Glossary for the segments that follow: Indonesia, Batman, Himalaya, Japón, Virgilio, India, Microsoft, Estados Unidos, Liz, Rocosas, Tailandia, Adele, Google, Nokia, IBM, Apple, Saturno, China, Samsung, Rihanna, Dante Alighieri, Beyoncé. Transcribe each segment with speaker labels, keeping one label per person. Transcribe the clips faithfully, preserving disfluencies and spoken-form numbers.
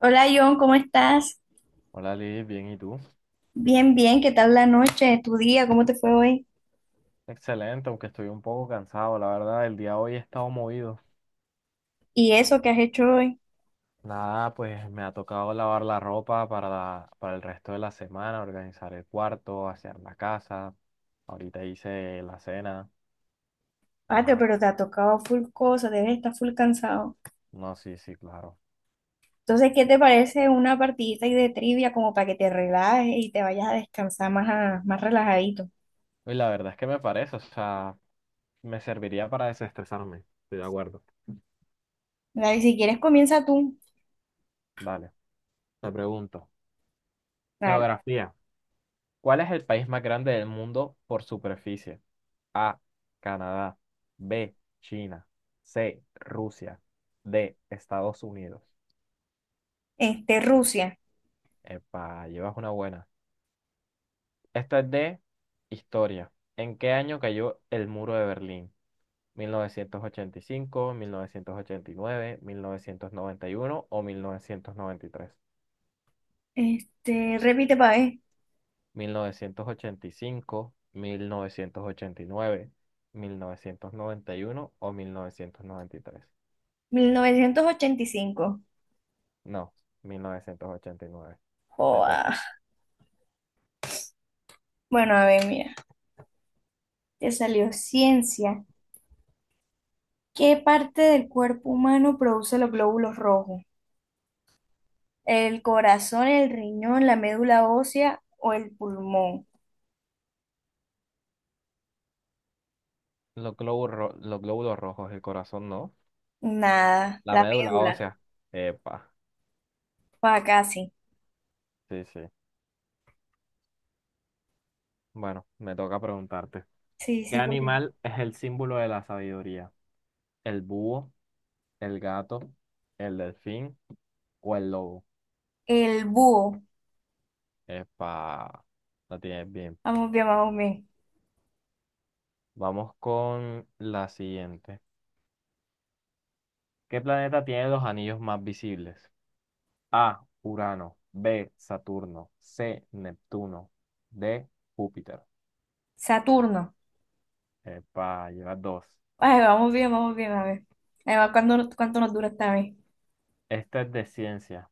Speaker 1: Hola John, ¿cómo estás?
Speaker 2: Hola Liz, bien, ¿y tú?
Speaker 1: Bien, bien, ¿qué tal la noche, tu día, cómo te fue hoy?
Speaker 2: Excelente, aunque estoy un poco cansado, la verdad, el día de hoy he estado movido.
Speaker 1: ¿Y eso que has hecho hoy?
Speaker 2: Nada, pues me ha tocado lavar la ropa para, la- para el resto de la semana, organizar el cuarto, hacer la casa. Ahorita hice la cena, y
Speaker 1: Patio,
Speaker 2: ajá.
Speaker 1: pero te ha tocado full cosa, debes estar full cansado.
Speaker 2: No, sí, sí, claro.
Speaker 1: Entonces, ¿qué te parece una partidita ahí de trivia como para que te relajes y te vayas a descansar más, a- más relajadito?
Speaker 2: Y la verdad es que me parece, o sea, me serviría para desestresarme. Estoy de acuerdo.
Speaker 1: Dale, si quieres comienza tú.
Speaker 2: Dale, te pregunto.
Speaker 1: Dale.
Speaker 2: Geografía. ¿Cuál es el país más grande del mundo por superficie? A, Canadá. B, China. C, Rusia. D, Estados Unidos.
Speaker 1: Este, Rusia.
Speaker 2: Epa, llevas una buena. Esta es de historia. ¿En qué año cayó el muro de Berlín? Mil mil mil novecientos novecientos novecientos ochenta ochenta y y cinco, nueve, mil novecientos noventa y uno o mil Mil mil mil novecientos novecientos
Speaker 1: Este, repite para ver.
Speaker 2: novecientos noventa y y y tres? ochenta ochenta y cinco, mil novecientos ochenta y nueve, mil novecientos noventa y uno o mil novecientos noventa y tres?
Speaker 1: Mil novecientos ochenta y cinco.
Speaker 2: No, mil novecientos ochenta y nueve. Me
Speaker 1: Joa.
Speaker 2: toca.
Speaker 1: Bueno, a ver, mira, te salió ciencia. ¿Qué parte del cuerpo humano produce los glóbulos rojos? ¿El corazón, el riñón, la médula ósea o el pulmón?
Speaker 2: Los glóbulos, ro- los glóbulos rojos, el corazón no.
Speaker 1: Nada,
Speaker 2: La
Speaker 1: la
Speaker 2: médula
Speaker 1: médula.
Speaker 2: ósea. Epa.
Speaker 1: Pa' casi.
Speaker 2: Sí, sí. Bueno, me toca preguntarte.
Speaker 1: Sí,
Speaker 2: ¿Qué
Speaker 1: sí, porque
Speaker 2: animal es el símbolo de la sabiduría? ¿El búho, el gato, el delfín o el lobo?
Speaker 1: el búho.
Speaker 2: Epa. La tienes bien.
Speaker 1: Vamos bien, vamos bien.
Speaker 2: Vamos con la siguiente. ¿Qué planeta tiene los anillos más visibles? A. Urano. B. Saturno. C. Neptuno. D. Júpiter.
Speaker 1: Saturno.
Speaker 2: Epa, llevas dos.
Speaker 1: Ay, vamos bien, vamos bien, a ver. Ahí va, ¿cuándo- ¿cuánto nos dura esta vez?
Speaker 2: Esta es de ciencia.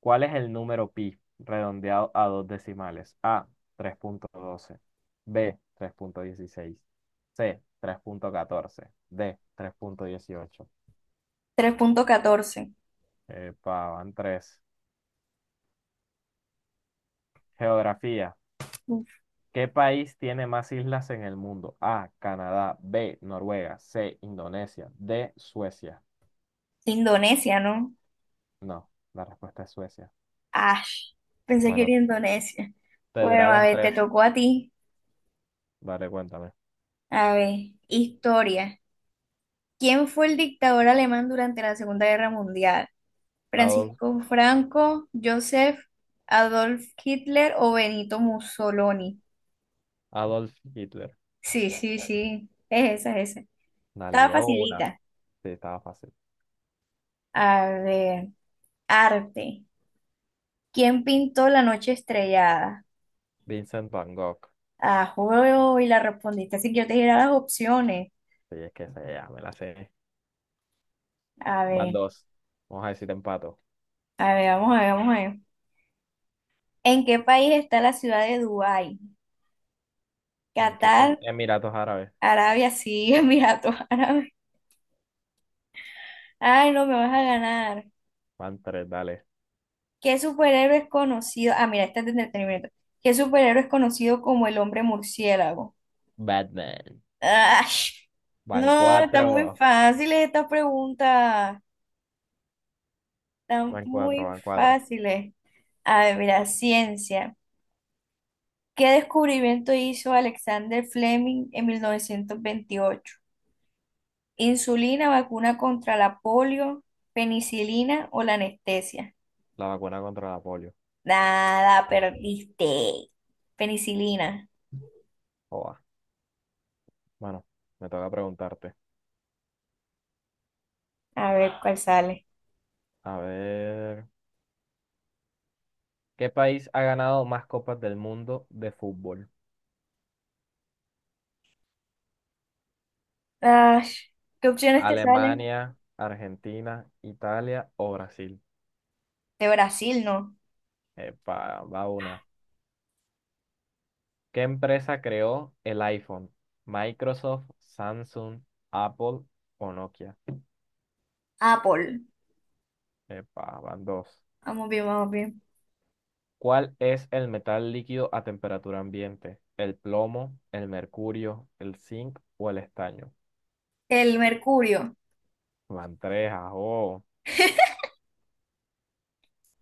Speaker 2: ¿Cuál es el número pi redondeado a dos decimales? A, tres punto doce. B, tres coma dieciséis. C, tres coma catorce. D, tres punto dieciocho.
Speaker 1: tres punto catorce.
Speaker 2: Epa, van tres. Geografía.
Speaker 1: Uf,
Speaker 2: ¿Qué país tiene más islas en el mundo? A, Canadá. B, Noruega. C, Indonesia. D, Suecia.
Speaker 1: Indonesia, ¿no?
Speaker 2: No, la respuesta es Suecia.
Speaker 1: Ash. Pensé que era
Speaker 2: Bueno,
Speaker 1: Indonesia.
Speaker 2: te
Speaker 1: Bueno, a
Speaker 2: duraron
Speaker 1: ver, te
Speaker 2: tres.
Speaker 1: tocó a ti.
Speaker 2: Dale, cuéntame.
Speaker 1: A ver, historia. ¿Quién fue el dictador alemán durante la Segunda Guerra Mundial?
Speaker 2: Adolf,
Speaker 1: ¿Francisco Franco, Joseph Adolf Hitler o Benito Mussolini?
Speaker 2: Adolf Hitler.
Speaker 1: Sí, sí, sí, es esa, es esa.
Speaker 2: Dale,
Speaker 1: Estaba
Speaker 2: llevo una.
Speaker 1: facilita.
Speaker 2: Sí, estaba fácil.
Speaker 1: A ver, arte. ¿Quién pintó La Noche Estrellada?
Speaker 2: Vincent Van Gogh.
Speaker 1: Ah, juego y la respondiste, así que yo te diré las opciones.
Speaker 2: Sí, es que se ya me la sé.
Speaker 1: A
Speaker 2: Van
Speaker 1: ver,
Speaker 2: dos. Vamos a decir empato.
Speaker 1: a ver, vamos a ver, vamos a ver. ¿En qué país está la ciudad de Dubái?
Speaker 2: ¿En qué país?
Speaker 1: Qatar,
Speaker 2: Emiratos Árabes.
Speaker 1: Arabia, sí, Emiratos Árabes. Ay, no me vas a ganar.
Speaker 2: Van tres, dale.
Speaker 1: ¿Qué superhéroe es conocido? Ah, mira, este es de entretenimiento. ¿Qué superhéroe es conocido como el hombre murciélago?
Speaker 2: Batman.
Speaker 1: Ay,
Speaker 2: Van
Speaker 1: no, están
Speaker 2: cuatro.
Speaker 1: muy fáciles estas preguntas. Están
Speaker 2: Van
Speaker 1: muy
Speaker 2: cuatro, van cuatro.
Speaker 1: fáciles. A ver, mira, ciencia. ¿Qué descubrimiento hizo Alexander Fleming en mil novecientos veintiocho? ¿Insulina, vacuna contra la polio, penicilina o la anestesia?
Speaker 2: La vacuna contra la polio.
Speaker 1: Nada, perdiste. Penicilina.
Speaker 2: Joa. Bueno, me toca preguntarte.
Speaker 1: A ver cuál sale.
Speaker 2: A ver. ¿Qué país ha ganado más copas del mundo de fútbol?
Speaker 1: Ah, ¿qué opciones te salen?
Speaker 2: ¿Alemania, Argentina, Italia o Brasil?
Speaker 1: De Brasil, no.
Speaker 2: Epa, va una. ¿Qué empresa creó el iPhone? ¿Microsoft, Samsung, Apple o Nokia?
Speaker 1: Apple.
Speaker 2: Epa, van dos.
Speaker 1: Vamos bien, vamos bien.
Speaker 2: ¿Cuál es el metal líquido a temperatura ambiente? ¿El plomo, el mercurio, el zinc o el estaño?
Speaker 1: El mercurio.
Speaker 2: Van tres, ajo.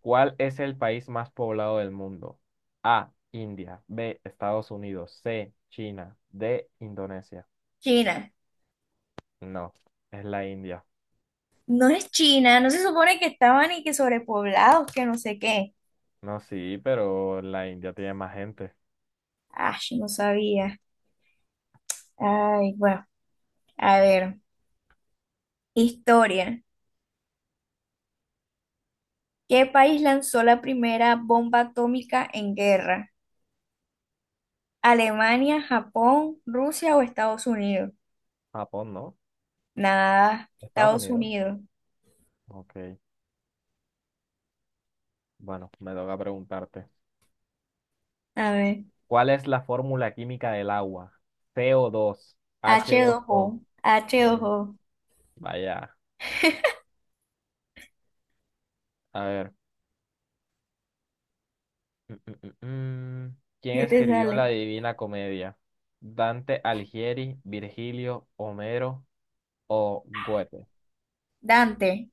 Speaker 2: ¿Cuál es el país más poblado del mundo? A, India, B, Estados Unidos, C, China, D, Indonesia.
Speaker 1: China.
Speaker 2: No, es la India.
Speaker 1: No es China, ¿no se supone que estaban y que sobrepoblados, que no sé qué?
Speaker 2: No, sí, pero la India tiene más gente.
Speaker 1: Ay, no sabía. Ay, bueno, a ver. Historia. ¿Qué país lanzó la primera bomba atómica en guerra? ¿Alemania, Japón, Rusia o Estados Unidos?
Speaker 2: Japón, ¿no?
Speaker 1: Nada,
Speaker 2: Estados
Speaker 1: Estados
Speaker 2: Unidos.
Speaker 1: Unidos.
Speaker 2: Ok, bueno, me toca preguntarte.
Speaker 1: A ver.
Speaker 2: ¿Cuál es la fórmula química del agua? Co dos
Speaker 1: H
Speaker 2: h dos
Speaker 1: dos o
Speaker 2: o.
Speaker 1: h dos
Speaker 2: Eh,
Speaker 1: O.
Speaker 2: Vaya, a ver. Mm, mm, mm, mm. ¿Quién
Speaker 1: ¿Qué te
Speaker 2: escribió la
Speaker 1: sale?
Speaker 2: Divina Comedia? ¿Dante Alighieri, Virgilio, Homero o Goethe?
Speaker 1: Dante,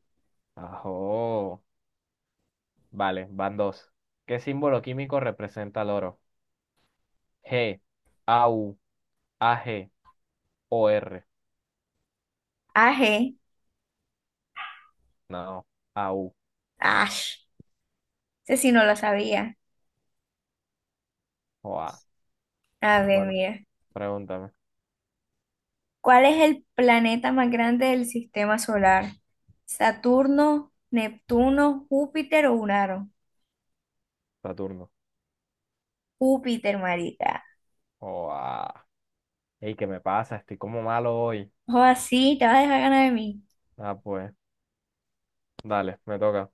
Speaker 2: Ajo. Vale, van dos. ¿Qué símbolo químico representa el oro? G, A U, A G o R.
Speaker 1: A G,
Speaker 2: No, A U
Speaker 1: Ash. Ese sí no lo sabía.
Speaker 2: o A.
Speaker 1: A ver,
Speaker 2: Bueno,
Speaker 1: mira.
Speaker 2: pregúntame,
Speaker 1: ¿Cuál es el planeta más grande del sistema solar? ¿Saturno, Neptuno, Júpiter o Urano?
Speaker 2: Saturno.
Speaker 1: Júpiter, marica.
Speaker 2: Oh, ah. Ey, ¿qué me pasa? Estoy como malo hoy.
Speaker 1: O así, te vas a dejar ganar de mí.
Speaker 2: Ah, pues, dale, me toca.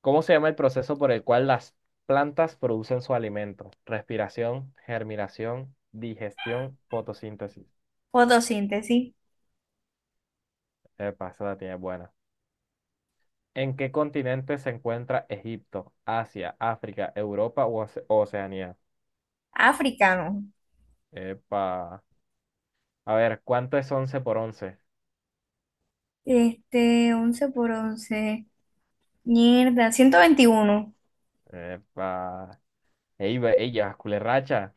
Speaker 2: ¿Cómo se llama el proceso por el cual las plantas producen su alimento? Respiración, germinación, digestión, fotosíntesis.
Speaker 1: Fotosíntesis.
Speaker 2: Epa, esa la tiene buena. ¿En qué continente se encuentra Egipto, Asia, África, Europa o Oce- Oceanía?
Speaker 1: Africano.
Speaker 2: Epa. A ver, ¿cuánto es once por once?
Speaker 1: Este, once por once. Mierda, ciento veintiuno.
Speaker 2: Epa. Ey, ve- ey, llevas culerracha.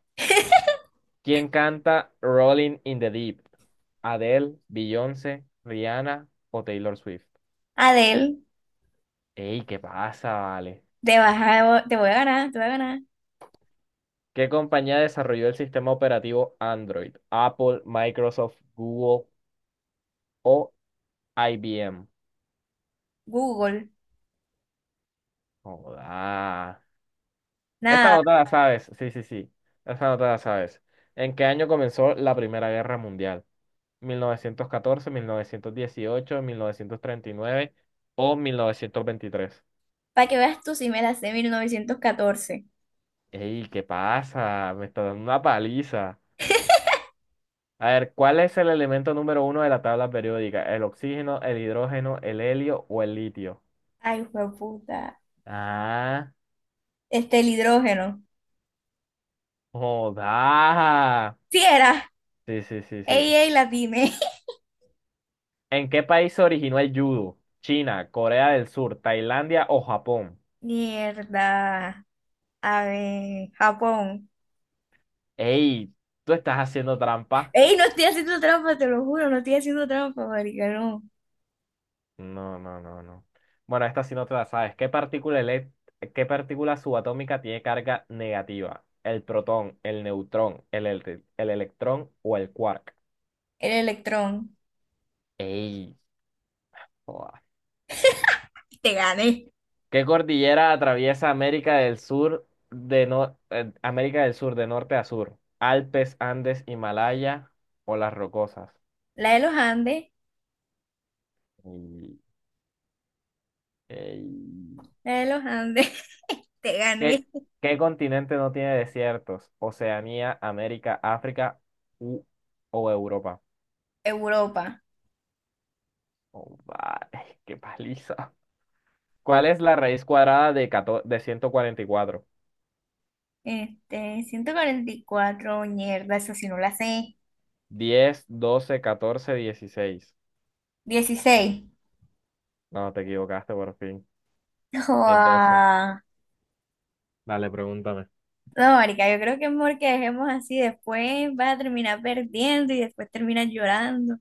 Speaker 2: ¿Quién canta Rolling in the Deep? ¿Adele, Beyoncé, Rihanna o Taylor Swift?
Speaker 1: Adel,
Speaker 2: ¡Ey, qué pasa, vale!
Speaker 1: te vas a- te voy a ganar, te voy a ganar.
Speaker 2: ¿Qué compañía desarrolló el sistema operativo Android? ¿Apple, Microsoft, Google o I B M?
Speaker 1: Google.
Speaker 2: Joda. Esta
Speaker 1: Nada,
Speaker 2: nota la sabes. Sí, sí, sí. Esta nota la sabes. ¿En qué año comenzó la Primera Guerra Mundial? Mil mil mil novecientos novecientos novecientos catorce, dieciocho, treinta y nueve o mil novecientos veintitrés?
Speaker 1: para que veas tú si me la sé mil novecientos catorce.
Speaker 2: Ey, ¿qué pasa? Me está dando una paliza. A ver, ¿cuál es el elemento número uno de la tabla periódica? ¿El oxígeno, el hidrógeno, el helio o el litio?
Speaker 1: Ay, puta.
Speaker 2: Ah,
Speaker 1: Este, el hidrógeno.
Speaker 2: joda.
Speaker 1: Sí era.
Speaker 2: Sí, sí, sí, sí.
Speaker 1: Ey, ey, la tiene.
Speaker 2: ¿En qué país se originó el judo? ¿China, Corea del Sur, Tailandia o Japón?
Speaker 1: Mierda. A ver, Japón.
Speaker 2: Ey, tú estás haciendo trampa.
Speaker 1: Ey, no estoy haciendo trampa, te lo juro, no estoy haciendo trampa, marica, no.
Speaker 2: No, no, no, no. Bueno, esta sí no te la sabes. ¿Qué partícula, ele- qué partícula subatómica tiene carga negativa? ¿El protón, el neutrón, el, ele- el electrón o el quark?
Speaker 1: El electrón.
Speaker 2: ¡Ey! Joda.
Speaker 1: Te gané.
Speaker 2: ¿Qué cordillera atraviesa América del Sur de no- eh, América del Sur de norte a sur? ¿Alpes, Andes, Himalaya o las Rocosas?
Speaker 1: La de los Andes,
Speaker 2: Ey, ey.
Speaker 1: la de los Andes. Te
Speaker 2: ¿Qué,
Speaker 1: gané.
Speaker 2: qué continente no tiene desiertos? Oceanía, América, África u, o Europa.
Speaker 1: Europa.
Speaker 2: Oh, vale, qué paliza. ¿Cuál es la raíz cuadrada de, catorce de ciento cuarenta y cuatro?
Speaker 1: Este, ciento cuarenta y cuatro, mierda, eso sí no la sé.
Speaker 2: diez, doce, catorce, dieciséis. No, te equivocaste por fin. Es doce.
Speaker 1: dieciséis.
Speaker 2: Dale, pregúntame.
Speaker 1: No, marica, yo creo que es mejor que dejemos así, después vas a terminar perdiendo y después terminas llorando.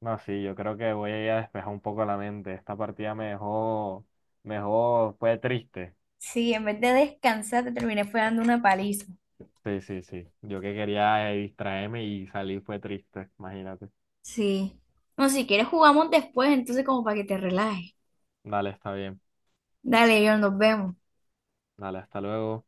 Speaker 2: No, sí, yo creo que voy a ir a despejar un poco la mente. Esta partida me dejó, me dejó, fue triste.
Speaker 1: Sí, en vez de descansar te terminé fue dando una paliza.
Speaker 2: Sí, sí, sí. Yo que quería eh, distraerme y salir fue triste, imagínate.
Speaker 1: Sí. No, si quieres jugamos después, entonces como para que te relajes.
Speaker 2: Dale, está bien.
Speaker 1: Dale, yo nos vemos.
Speaker 2: Dale, hasta luego.